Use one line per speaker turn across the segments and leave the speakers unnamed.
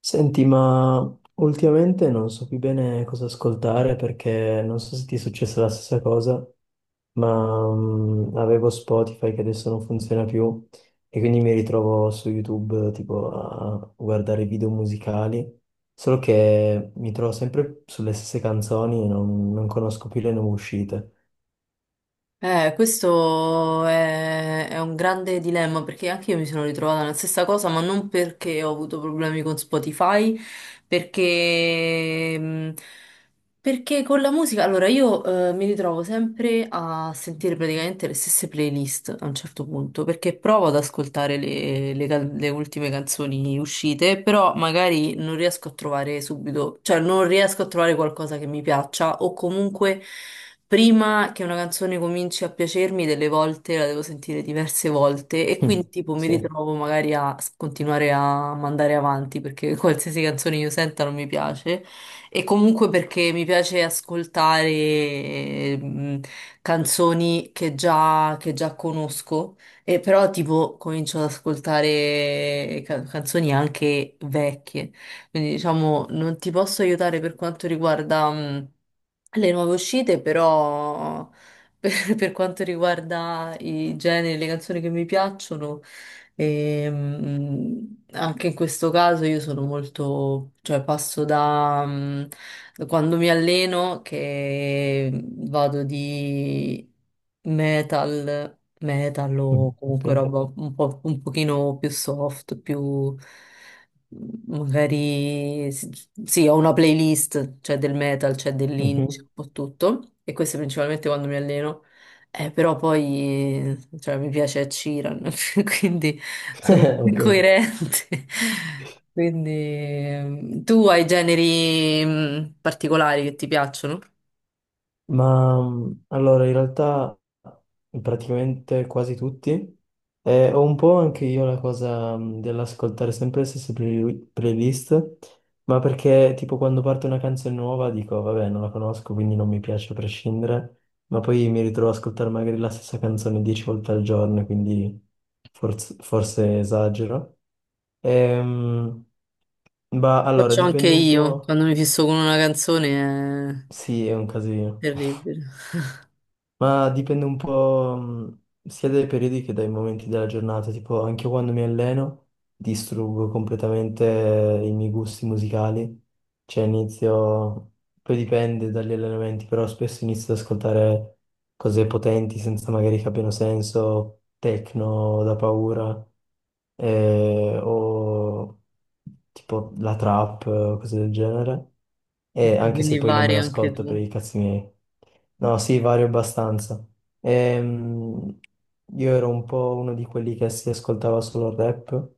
Senti, ma ultimamente non so più bene cosa ascoltare perché non so se ti è successa la stessa cosa, ma avevo Spotify che adesso non funziona più e quindi mi ritrovo su YouTube tipo a guardare video musicali, solo che mi trovo sempre sulle stesse canzoni e non conosco più le nuove uscite.
Questo è un grande dilemma perché anche io mi sono ritrovata nella stessa cosa, ma non perché ho avuto problemi con Spotify, perché, mh, perché con la musica, allora io mi ritrovo sempre a sentire praticamente le stesse playlist a un certo punto, perché provo ad ascoltare le ultime canzoni uscite, però magari non riesco a trovare subito, cioè non riesco a trovare qualcosa che mi piaccia o comunque... Prima che una canzone cominci a piacermi, delle volte la devo sentire diverse volte e
Mm.
quindi tipo mi
Sì.
ritrovo magari a continuare a mandare avanti perché qualsiasi canzone io senta non mi piace e comunque perché mi piace ascoltare ehm, canzoni che già conosco e però tipo comincio ad ascoltare canzoni anche vecchie. Quindi diciamo non ti posso aiutare per quanto riguarda... le nuove uscite, però per quanto riguarda i generi, le canzoni che mi piacciono, e, anche in questo caso io sono molto, cioè passo da quando mi alleno che vado di metal, metal
Mm,
o
ok.
comunque roba un po', un pochino più soft, più magari sì, sì, ho una playlist, c'è del metal, c'è dell'indie, c'è
Mhm.
un po' tutto. E questo è principalmente quando mi alleno. Però poi, cioè, mi piace Ed Sheeran, quindi sono un po'
Ok.
incoerente. Quindi, tu hai generi particolari che ti piacciono?
Ma allora, in realtà praticamente quasi tutti. E ho un po' anche io la cosa dell'ascoltare sempre le stesse playlist, ma perché tipo quando parte una canzone nuova dico, vabbè, non la conosco, quindi non mi piace a prescindere, ma poi mi ritrovo ad ascoltare magari la stessa canzone dieci volte al giorno, quindi forse esagero. Ehm, ma allora,
Faccio anche
dipende un
io,
po'.
quando mi fisso con una canzone è
Sì, è un casino.
terribile.
Ma dipende un po' sia dai periodi che dai momenti della giornata, tipo anche quando mi alleno distruggo completamente i miei gusti musicali, cioè inizio, poi dipende dagli allenamenti, però spesso inizio ad ascoltare cose potenti senza magari che abbiano senso, techno da paura o tipo la trap, cose del genere. E
Ok,
anche se
quindi
poi non me
vari anche
l'ascolto per
tu.
i cazzi miei. No, sì, vario abbastanza. Ehm, io ero un po' uno di quelli che si ascoltava solo il rap,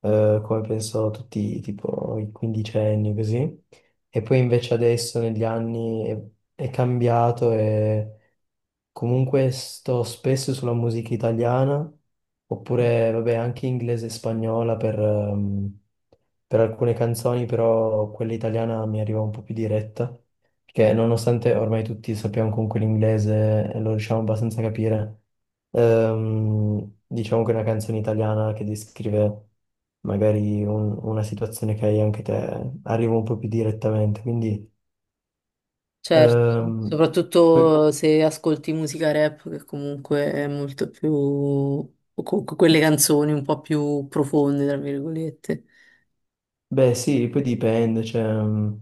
come penso tutti, tipo i quindicenni, così. E poi invece adesso negli anni è cambiato e comunque sto spesso sulla musica italiana, oppure vabbè anche inglese e spagnola per alcune canzoni, però quella italiana mi arriva un po' più diretta, perché nonostante ormai tutti sappiamo comunque l'inglese e lo riusciamo abbastanza a capire, diciamo che una canzone italiana che descrive magari una situazione che hai anche te arriva un po' più direttamente, quindi...
Certo,
ehm, poi
soprattutto se ascolti musica rap, che comunque è molto più... o comunque quelle canzoni un po' più profonde, tra virgolette.
beh, sì, poi dipende, cioè,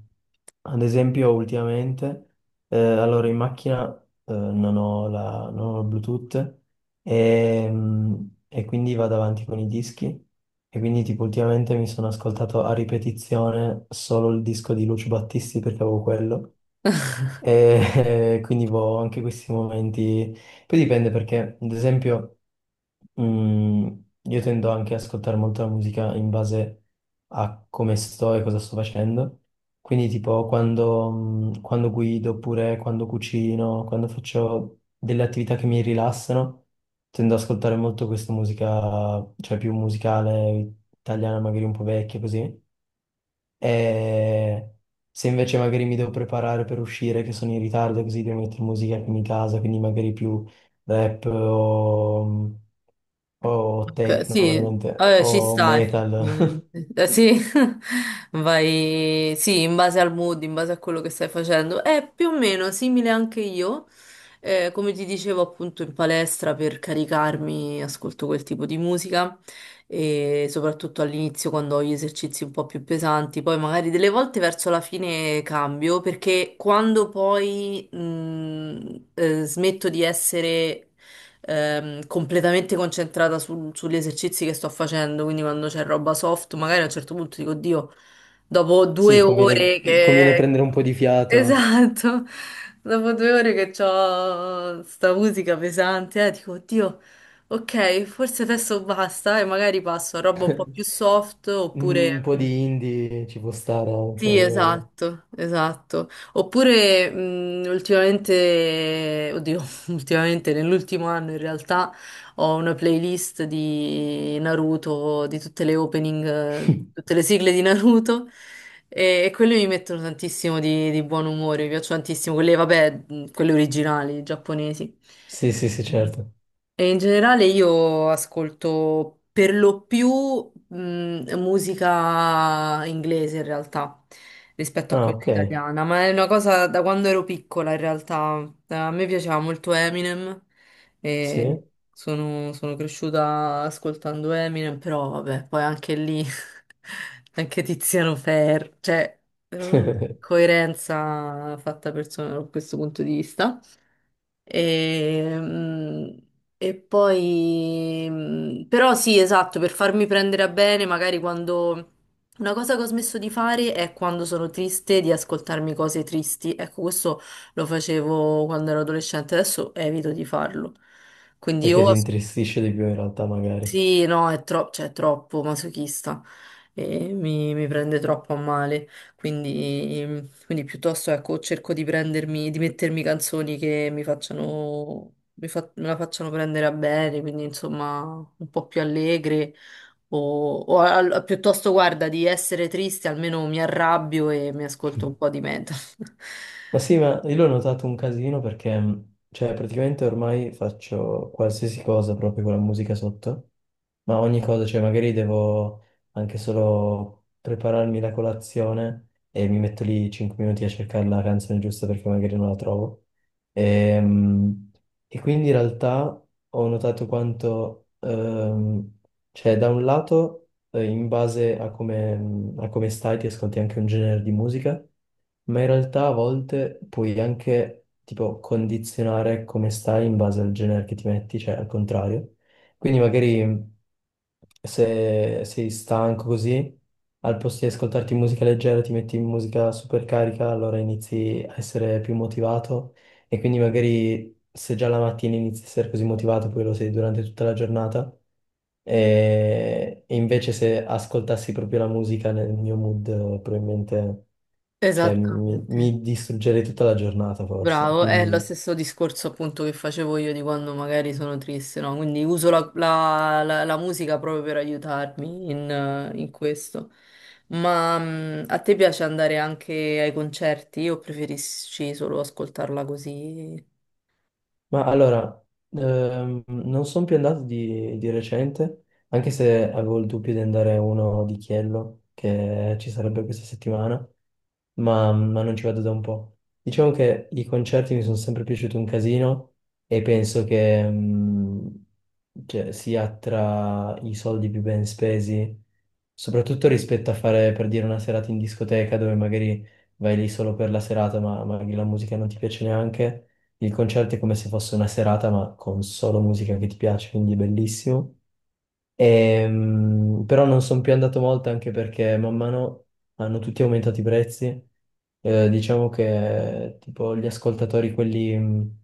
ad esempio ultimamente, allora in macchina non ho la, non ho il Bluetooth e quindi vado avanti con i dischi e quindi tipo ultimamente mi sono ascoltato a ripetizione solo il disco di Lucio Battisti perché avevo quello e quindi boh, ho anche questi momenti, poi dipende perché ad esempio... Mm, io tendo anche ad ascoltare molto la musica in base a come sto e cosa sto facendo. Quindi, tipo, quando, quando guido, oppure quando cucino, quando faccio delle attività che mi rilassano, tendo ad ascoltare molto questa musica, cioè più musicale, italiana, magari un po' vecchia, così. E se invece magari mi devo preparare per uscire, che sono in ritardo, così devo mettere musica in casa, quindi magari più rap o... o
Ok,
techno
sì,
veramente,
ci
o
sta
metal.
effettivamente. Sì, vai, sì, in base al mood, in base a quello che stai facendo. È più o meno simile anche io. Come ti dicevo appunto in palestra per caricarmi, ascolto quel tipo di musica e soprattutto all'inizio quando ho gli esercizi un po' più pesanti, poi magari delle volte verso la fine cambio perché quando poi smetto di essere completamente concentrata sugli esercizi che sto facendo, quindi quando c'è roba soft, magari a un certo punto dico, Dio, dopo
Sì,
due ore
conviene, conviene
che...
prendere un po' di fiato,
Esatto, dopo due ore che ho sta musica pesante, dico, Oddio, ok, forse adesso basta e magari passo a roba un po' più soft
un
oppure...
po' di indie ci può stare anche
Sì,
magari.
esatto, esatto. Oppure ultimamente, oddio, ultimamente nell'ultimo anno in realtà ho una playlist di Naruto, di tutte le opening, tutte le sigle di Naruto e quelle mi mettono tantissimo di buon umore, mi piacciono tantissimo, quelle, vabbè, quelle originali, giapponesi.
Sì, sì, sì, certo.
E in generale io ascolto per lo più musica inglese in realtà rispetto a
Ah,
quella
ok,
italiana, ma è una cosa da quando ero piccola in realtà. A me piaceva molto Eminem
sì.
e sono cresciuta ascoltando Eminem, però vabbè, poi anche lì anche Tiziano Ferro, cioè, eh,
Perché
coerenza fatta persona da questo punto di vista. E, e poi, però sì, esatto, per farmi prendere a bene, magari quando... Una cosa che ho smesso di fare è quando sono triste di ascoltarmi cose tristi. Ecco, questo lo facevo quando ero adolescente, adesso evito di farlo. Quindi o
ti
ascolto
intristisce di più in realtà magari.
sì, no, cioè, è troppo masochista e mi prende troppo a male. Quindi, mm, quindi, piuttosto ecco, cerco di prendermi, di mettermi canzoni che mi facciano, me la facciano prendere a bene, quindi insomma un po' più allegre. O, o, piuttosto, guarda, di essere triste, almeno mi arrabbio e mi ascolto un po' di metal.
Ma sì, ma io l'ho notato un casino perché, cioè, praticamente ormai faccio qualsiasi cosa proprio con la musica sotto, ma ogni cosa, cioè, magari devo anche solo prepararmi la colazione e mi metto lì 5 minuti a cercare la canzone giusta perché magari non la trovo. E, mh, e quindi in realtà ho notato quanto, cioè, da un lato in base a come stai ti ascolti anche un genere di musica, ma in realtà a volte puoi anche tipo condizionare come stai in base al genere che ti metti, cioè al contrario. Quindi magari se sei stanco così, al posto di ascoltarti musica leggera ti metti in musica super carica, allora inizi a essere più motivato e quindi magari se già la mattina inizi a essere così motivato, poi lo sei durante tutta la giornata e invece se ascoltassi proprio la musica nel mio mood, probabilmente, cioè, mi,
Esattamente.
mi distruggerei tutta la giornata forse.
Bravo, è lo
Quindi
stesso discorso appunto che facevo io di quando magari sono triste, no? Quindi uso la musica proprio per aiutarmi in questo. Ma a te piace andare anche ai concerti o preferisci solo ascoltarla così?
ma allora, non sono più andato di recente, anche se avevo il dubbio di andare a uno di Chiello, che ci sarebbe questa settimana, ma non ci vado da un po'. Diciamo che i concerti mi sono sempre piaciuti un casino e penso che cioè, sia tra i soldi più ben spesi, soprattutto rispetto a fare, per dire, una serata in discoteca dove magari vai lì solo per la serata, ma magari la musica non ti piace neanche. Il concerto è come se fosse una serata, ma con solo musica che ti piace, quindi è bellissimo. Però non sono più andato molto anche perché man mano hanno tutti aumentato i prezzi. Diciamo che tipo gli ascoltatori, quelli,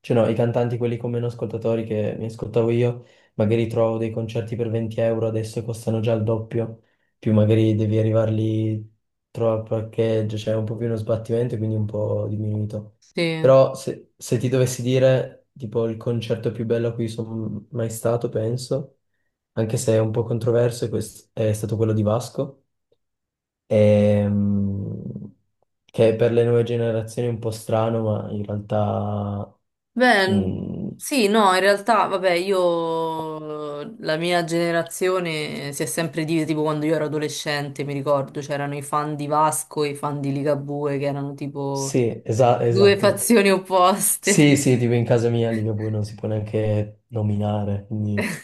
cioè no, i cantanti, quelli con meno ascoltatori che mi ascoltavo io, magari trovo dei concerti per 20 euro, adesso costano già il doppio, più magari devi arrivarli, trova il parcheggio, c'è un po' più uno sbattimento, quindi un po' diminuito.
Sì.
Però se, se ti dovessi dire tipo il concerto più bello a cui sono mai stato, penso anche se è un po' controverso, e questo è stato quello di Vasco, ehm, che per le nuove generazioni è un po' strano, ma in realtà...
Beh,
mm,
sì, no, in realtà, vabbè, io, la mia generazione si è sempre divisa, tipo quando io ero adolescente, mi ricordo, c'erano i fan di Vasco e i fan di Ligabue, che erano tipo
sì,
due
esatto.
fazioni opposte,
Sì, sì, tipo in casa mia Ligabue non si può neanche nominare, quindi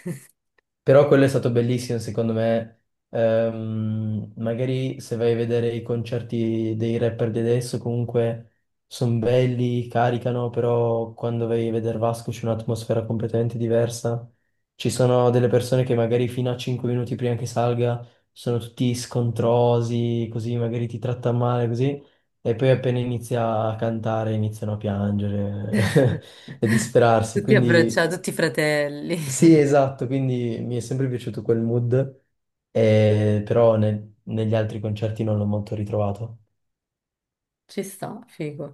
però quello è stato bellissimo, secondo me. Magari se vai a vedere i concerti dei rapper di adesso, comunque sono belli, caricano, però quando vai a vedere Vasco c'è un'atmosfera completamente diversa. Ci sono delle persone che magari fino a 5 minuti prima che salga sono tutti scontrosi, così magari ti tratta male, così. E poi appena inizia a cantare iniziano a piangere e disperarsi.
tutti
Quindi
abbracciati, tutti fratelli.
sì, esatto, quindi mi è sempre piaciuto quel mood, però negli altri concerti non l'ho molto ritrovato.
Ci sta, figo.